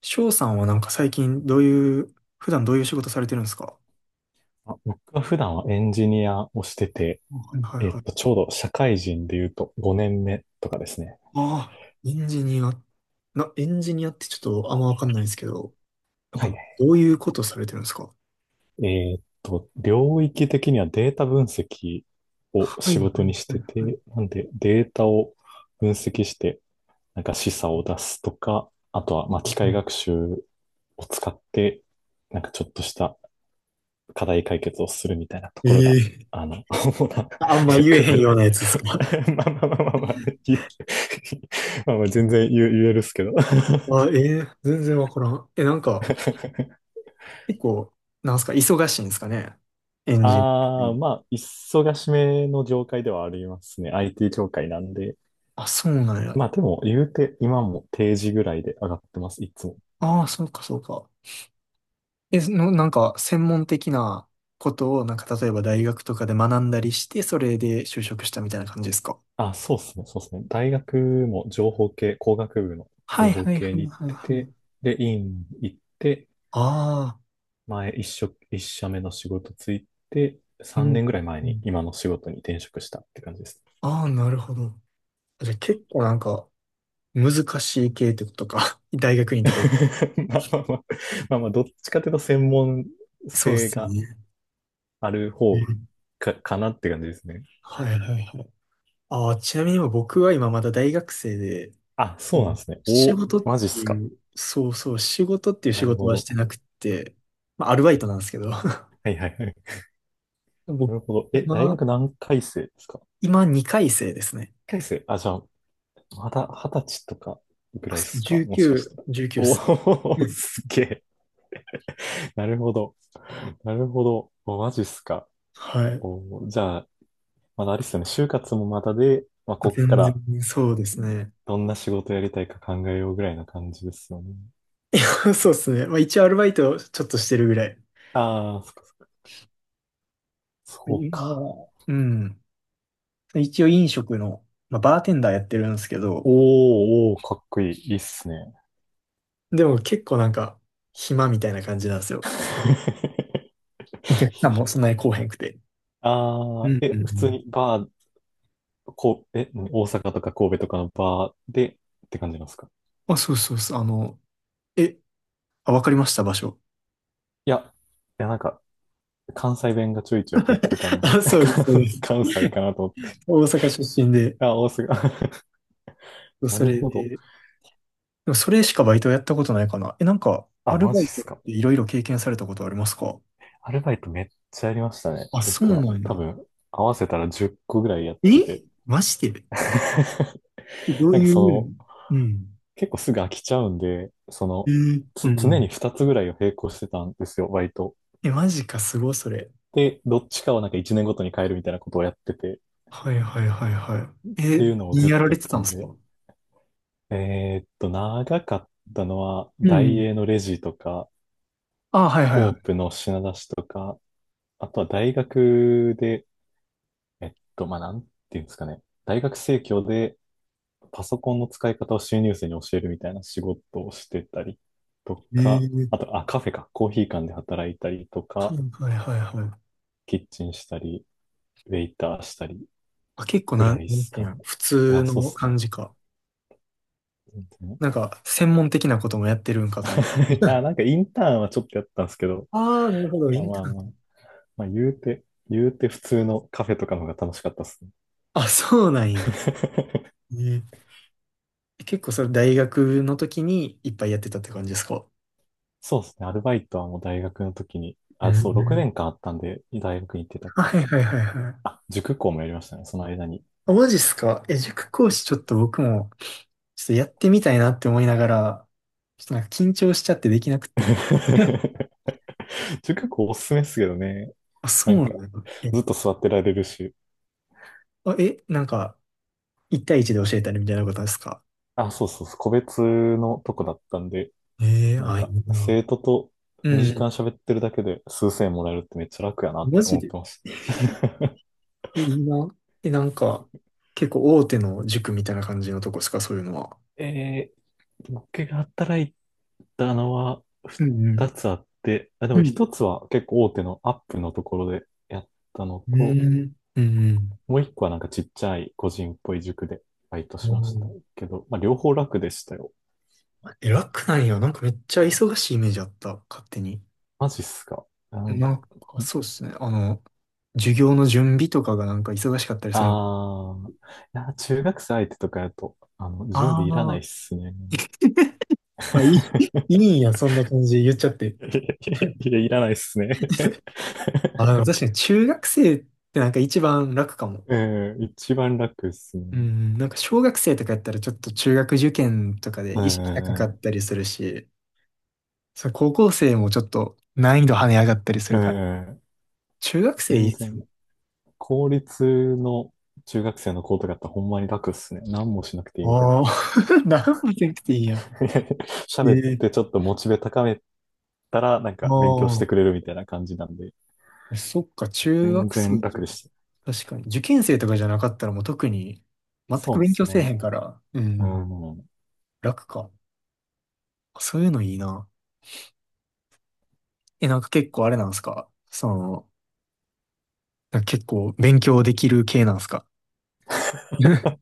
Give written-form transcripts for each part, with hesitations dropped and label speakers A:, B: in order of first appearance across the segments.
A: 翔さんはなんか最近どういう、普段どういう仕事されてるんですか？
B: あ、僕は普段はエンジニアをしてて、
A: はいはいはい。
B: ちょうど社会人で言うと5年目とかですね。
A: ああ、エンジニア、エンジニアってちょっとあんまわかんないですけど、なん
B: は
A: か
B: い。
A: どういうことされてるんですか？
B: 領域的にはデータ分析を
A: は
B: 仕
A: いは
B: 事に
A: い
B: し
A: は
B: て
A: いはい。
B: て、なんでデータを分析して、なんか示唆を出すとか、あとは、まあ、機械学習を使って、なんかちょっとした課題解決をするみたいなと
A: え
B: ころが、
A: えー、
B: 主な
A: あんま言え
B: 役
A: へんよ
B: 割。
A: うなやつですか？
B: まあまあまあまあまあ、まあまあ全然言えるっすけど。
A: あ、ええー、全然わからん。え、なんか結構、なんすか、忙しいんですかね、エンジンっ
B: ああ、
A: て。
B: まあ、忙しめの業界ではありますね。IT 業界なんで。
A: あ、そうなんや。
B: まあでも、言うて、今も定時ぐらいで上がってます、いつも。
A: ああ、そうかそうか。え、その、なんか、専門的なことを、なんか、例えば大学とかで学んだりして、それで就職したみたいな感じですか？
B: あ、そうっすね、そうっすね。大学も情報系、工学部の
A: は
B: 情
A: い
B: 報
A: はい
B: 系
A: はい
B: に行っ
A: はい
B: て
A: はい。
B: て、で、院行って、
A: ああ、
B: 前、一社目の仕事ついて、
A: うん
B: 3
A: う
B: 年ぐ
A: ん
B: らい前
A: う
B: に
A: ん。
B: 今の仕事に転職したって感じです。
A: ああ、なるほど。じゃあ結構なんか、難しい系ってことか。大学院ってか、
B: まあまあまあ、まあまあ、どっちかというと専門
A: そうっ
B: 性
A: すよ
B: が
A: ね。
B: ある
A: う
B: 方
A: ん、
B: かなって感じですね。
A: はいはいはい。ああ、ちなみに今僕は今まだ大学生で、
B: あ、そう
A: も
B: なんで
A: う
B: すね。
A: 仕
B: お、
A: 事っ
B: マジっ
A: て
B: すか。
A: いう、そうそう、仕事っていう仕
B: なる
A: 事
B: ほ
A: はし
B: ど。
A: てなくて、まあ、アルバイトなんですけど、
B: はいはいはい。な
A: 僕、
B: るほど。え、大学何回生ですか？何
A: 今2回生ですね。
B: 回生？あ、じゃあ、まだ20歳とかぐ
A: あ、
B: らいっ
A: そう
B: すかもしかしたら。
A: 19、1っ
B: お
A: す。う
B: お、
A: ん、
B: すげえ。なるほど。なるほど。お、マジっすか。
A: はい。
B: おー、じゃあ、まだあれですよね、就活もまだで、まあ、こっか
A: 全
B: ら
A: 然、そうですね。
B: どんな仕事やりたいか考えようぐらいな感じですよね。
A: いや、そうですね。まあ一応アルバイトちょっとしてるぐらい。
B: ああ、そっかそっか。そう
A: 今
B: か。
A: は、うん。一応飲食の、まあ、バーテンダーやってるんですけど、
B: おー、おー、かっこいい。いいっすね。
A: でも結構なんか、暇みたいな感じなんですよ。お客さんもそんなに来おへんくて。
B: あ
A: う
B: あ、
A: ん
B: え、
A: うんう
B: 普通
A: ん。
B: にバー、こう、え、何大阪とか神戸とかのバーでって感じなんですか？
A: あ、そうそうそう。あの、え、あ、わかりました、場所。
B: いや、いや、なんか、関西弁がちょいちょい入ってたん で、
A: あ、そうです、そうで
B: 関
A: す。
B: 関西かなと思って。
A: 大阪出身で、
B: あ、大阪。な
A: そ
B: る
A: れ
B: ほど。
A: で、でもそれしかバイトやったことないかな。え、なんか、ア
B: あ、
A: ル
B: マ
A: バ
B: ジ
A: イ
B: っ
A: トっ
B: すか。
A: ていろいろ経験されたことありますか？
B: アルバイトめっちゃやりましたね。
A: あ、そ
B: 僕
A: う
B: は。
A: なん
B: 多
A: や。
B: 分、合わせたら10個ぐらいやって
A: え、
B: て。
A: マジで、 ど
B: な
A: う
B: んか
A: いう意味？うん。
B: 結構すぐ飽きちゃうんで、
A: えー、うん
B: つ
A: う
B: 常
A: ん。
B: に2つぐらいを並行してたんですよ、バイト。
A: え、マジか、すごい、それ。
B: で、どっちかをなんか1年ごとに変えるみたいなことをやってて、っ
A: はいはいはいはい。
B: て
A: え、
B: いうのを
A: 何
B: ずっ
A: やら
B: と
A: れ
B: やっ
A: てた
B: た
A: ん
B: ん
A: ですか？
B: で。長かったのは、
A: うんう
B: 大
A: ん。
B: 英のレジとか、
A: あ、はいはい
B: コ
A: は
B: ープの品出しとか、あとは大学で、まあ、なんていうんですかね。大学生協で、パソコンの使い方を収入生に教えるみたいな仕事をしてたりと
A: い。え
B: か、あ
A: ー、
B: と、あ、カフェか、コーヒー館で働いたりと
A: はい
B: か、
A: はいはいはい。
B: キッチンしたり、ウェイターしたり
A: あ、結構
B: ぐ
A: な
B: らい
A: ん、
B: で
A: なん
B: す
A: て
B: か
A: いうん
B: ね。
A: や、普
B: いや、
A: 通
B: そうっ
A: の
B: すね。
A: 感じか。
B: 全然。
A: なんか、専門的なこともやってるんかと思って。
B: いや、なんかインターンはちょっとやったんですけど、
A: ああ、なるほど、イ
B: まあ
A: ン
B: ま
A: タ
B: あ
A: ー
B: まあ、
A: ン。
B: まあ言うて普通のカフェとかの方が楽しかったっすね。
A: あ、そうなんや。えー結構それ大学の時にいっぱいやってたって感じですか？
B: そうですね。アルバイトはもう大学の時に、
A: う
B: あ、そう、6
A: ん。
B: 年間あったんで、大学に行ってたから。
A: はいはいはいはい。
B: あ、塾講もやりましたね。その間に。
A: あ、マジっすか。え、塾講師ちょっと僕も、ちょっとやってみたいなって思いながら、ちょっとなんか緊張しちゃってできなくて。
B: 塾講おすすめですけどね。
A: あ、そ
B: な
A: う
B: んか、
A: なの。
B: ずっと座ってられるし。
A: あ、え、なんか、一対一で教えたりみたいなことですか？
B: あ、そうそうそう、個別のとこだったんで、
A: ええー、
B: なん
A: あ、い
B: か、
A: いな。
B: 生徒と
A: う
B: 2時
A: ん。
B: 間喋ってるだけで数千円もらえるってめっちゃ楽やなっ
A: マ
B: て
A: ジ
B: 思っ
A: で。
B: てました。
A: え、いいな。え、なんか、結構大手の塾みたいな感じのとこですか、そういうのは。
B: え僕が働いたのは
A: うんう
B: 2
A: ん。
B: つあって、あ、で
A: う
B: も
A: ん。
B: 1つは結構大手のアップのところでやったの
A: う
B: と、
A: ん。うんうん。
B: もう1個はなんかちっちゃい個人っぽい塾でバイトし
A: う
B: ました
A: ん。
B: けど、まあ両方楽でしたよ。
A: え、楽なんや。なんかめっちゃ忙しいイメージあった。勝手に。
B: マジっすか。なん
A: な
B: か、
A: んか、そうっすね。あの、授業の準備とかがなんか忙しかったりする。
B: ああ、いや、中学生相手とかやと、準
A: あ
B: 備いらない
A: あ、
B: っすね。
A: あ、いい、いいんや。そんな感じで言っちゃって。
B: いや、いらないっすね。
A: あ、で も確かに中学生ってなんか一番楽かも。
B: うん、一番楽っすね。
A: うん、なんか小学生とかやったらちょっと中学受験とかで
B: う
A: 意識高かっ
B: ん、
A: たりするし、そう、高校生もちょっと難易度跳ね上がったりす
B: う
A: るから。
B: ん、
A: 中学生いいっ
B: 全
A: すよ。
B: 然、公立の中学生の子とかってほんまに楽っすね。何もしなくていいみたいな。
A: ああ、何もせなくていいやん。
B: 喋っ
A: え
B: て
A: え、
B: ちょっとモチベ高めたら、なんか勉強してく
A: あ
B: れるみたいな感じなんで、
A: あ、そっか、中
B: 全
A: 学生
B: 然
A: じゃ、
B: 楽でした。
A: 確かに。受験生とかじゃなかったらもう特に、全
B: そ
A: く
B: うで
A: 勉
B: す
A: 強せえへ
B: ね。
A: んから、う
B: う
A: ん、
B: ん。
A: 楽か。そういうのいいな。え、なんか結構あれなんすか、その、なんか結構勉強できる系なんすか？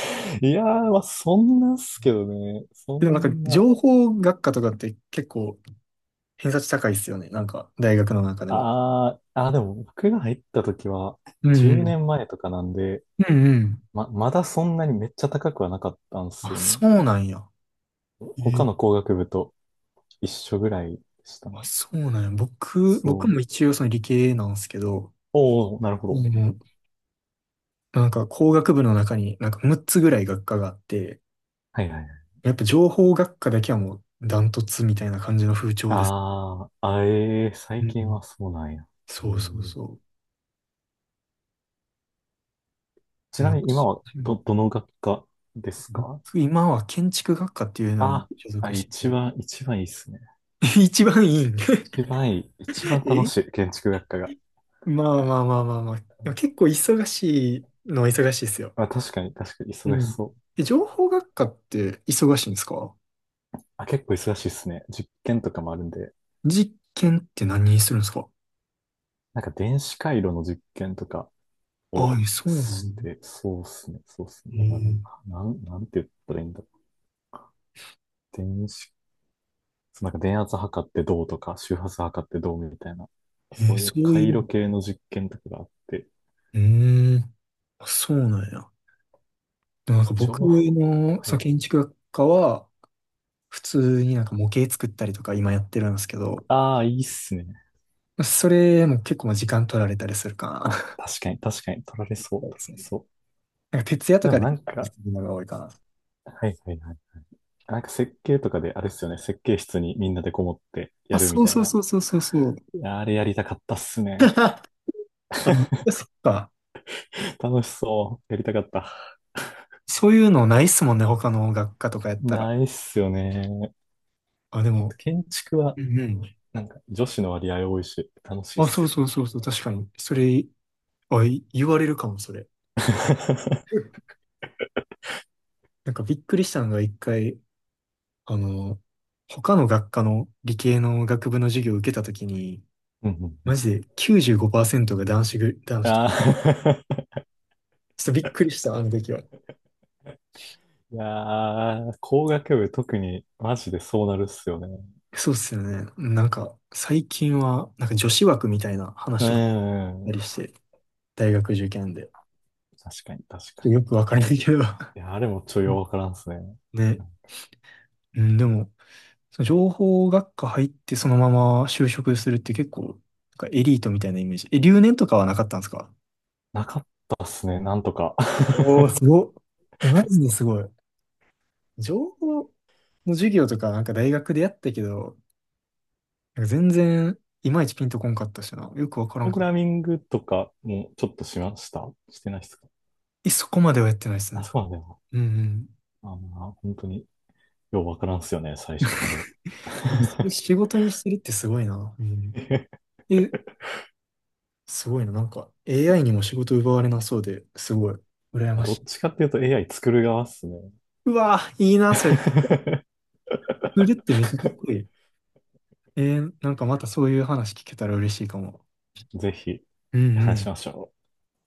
B: いやー、まあ、そんなっすけどね。そ
A: でもなんか
B: んな。
A: 情報学科とかって結構偏差値高いっすよね。なんか大学の中でも。
B: あーあー、でも僕が入った時は
A: うん
B: 10
A: うん。
B: 年前とかなんで、
A: うんうん。
B: まだそんなにめっちゃ高くはなかったんです
A: あ、
B: よね。
A: そうなんや。え
B: 他
A: ー
B: の工学部と一緒ぐらいでした
A: あ、
B: ね。
A: そうなんや。僕、僕
B: そ
A: も
B: う。
A: 一応その理系なんですけど、
B: おお、なるほ
A: う
B: ど。
A: ん、なんか工学部の中になんか6つぐらい学科があって、
B: はいはいはい。
A: やっぱ情報学科だけはもうダントツみたいな感じの風潮です。
B: あーあ、
A: う
B: 最
A: んう
B: 近
A: ん。
B: はそうなんや。え
A: そうそう
B: ー
A: そ
B: ち
A: う。
B: なみに今
A: 昔、
B: は
A: う
B: ど、
A: ん、
B: どの学科ですか？
A: 僕、今は建築学科っていうのに
B: あー
A: 所
B: あ、
A: 属し
B: 一
A: てて、
B: 番、一番いいっすね。
A: 一番いいん？
B: 一番いい、一番楽し
A: え、
B: い、建築学科が。
A: まあまあまあまあまあ。
B: う
A: でも
B: ん、
A: 結構忙しいのは忙しいですよ。
B: あ、確かに、確かに、
A: う
B: 忙し
A: ん。
B: そう。
A: え、情報学科って忙しいんですか？
B: あ、結構忙しいっすね。実験とかもあるんで。
A: 実験って何するんですか？
B: なんか電子回路の実験とか
A: あ
B: を
A: あ、え、そうなの。
B: して、そうっすね、そうっすね。
A: え
B: だからなん、
A: ー
B: なん、なんて言ったらいいんだろう。そうなんか電圧測ってどうとか、周波数測ってどうみたいな、そうい
A: そ
B: う
A: う
B: 回
A: い
B: 路
A: う。
B: 系の実験とかがあって、
A: うーん。あ、そうなんや。でもなんか
B: 情
A: 僕
B: 報、
A: の
B: は
A: その
B: い。
A: 建築学科は、普通になんか模型作ったりとか今やってるんですけど、
B: ああ、いいっすね。
A: それも結構まあ時間取られたりするかな。
B: 確かに、確かに、取られそう、
A: そうで
B: 取ら
A: す
B: れ
A: ね。
B: そ
A: なんか徹夜
B: う。
A: と
B: で
A: か
B: も
A: で
B: なん
A: や
B: か、
A: るのが多いかな。
B: はいはいはい。なんか設計とかであれっすよね。設計室にみんなでこもってや
A: あ、
B: るみ
A: そう
B: たい
A: そう
B: な。
A: そうそうそうそう。
B: いや、あれやりたかったっすね。
A: あ、そっか。
B: 楽しそう。やりたかった。
A: そういうのないっすもんね、他の学科とかやったら。
B: ないっすよね。
A: あ、で
B: あと
A: も、
B: 建築は、
A: うんうん。
B: なんか女子の割合多いし、楽しいっ
A: あ、そ
B: す
A: う
B: よね。
A: そうそうそう、確かに。それ、あ、言われるかも、それ。なんかびっくりしたのが一回、あの、他の学科の理系の学部の授業を受けたときに、
B: うんうんう
A: マ
B: ん、
A: ジで95%が男子と。ちょ
B: あー。
A: っとびっくりした、あの時は。
B: いやー、工学部特にマジでそうなるっすよね。
A: そうっすよね。なんか、最近は、なんか女子枠みたいな
B: う
A: 話とかあっ
B: ん、う
A: た
B: ん。
A: りして、大学受験で。
B: 確かに、確
A: ちょっと
B: か
A: よくわからないけど。
B: に。いや、あれもちょいわからんっすね。
A: ね。うん、でも、その情報学科入ってそのまま就職するって結構、なんかエリートみたいなイメージ。え、留年とかはなかったんですか？
B: なかったっすね、なんとか。
A: おー、すごっ。え、マジですごい。情報の授業とか、なんか大学でやったけど、なんか全然、いまいちピンとこんかったしな。よくわか
B: プ
A: らん
B: ログ
A: かった。
B: ラミングとかもちょっとしましたしてないですか？
A: え、そこまではやってないです
B: あ、
A: ね。
B: そうなんだよ
A: うんうん。
B: な。あまあ、本当にようわからんっすよね、最初、あれ。
A: 仕事にしてるってすごいな。うん。え、すごいな。なんか、AI にも仕事奪われなそうで、すごい、羨
B: まあ
A: ま
B: ど
A: し
B: っ
A: い。
B: ちかっていうと AI 作る側っすね。
A: うわぁ、いいな、それ。フルってめっちゃかっこいい。なんかまたそういう話聞けたら嬉しいかも。
B: ぜひ
A: うんう
B: 話
A: ん。
B: しましょう。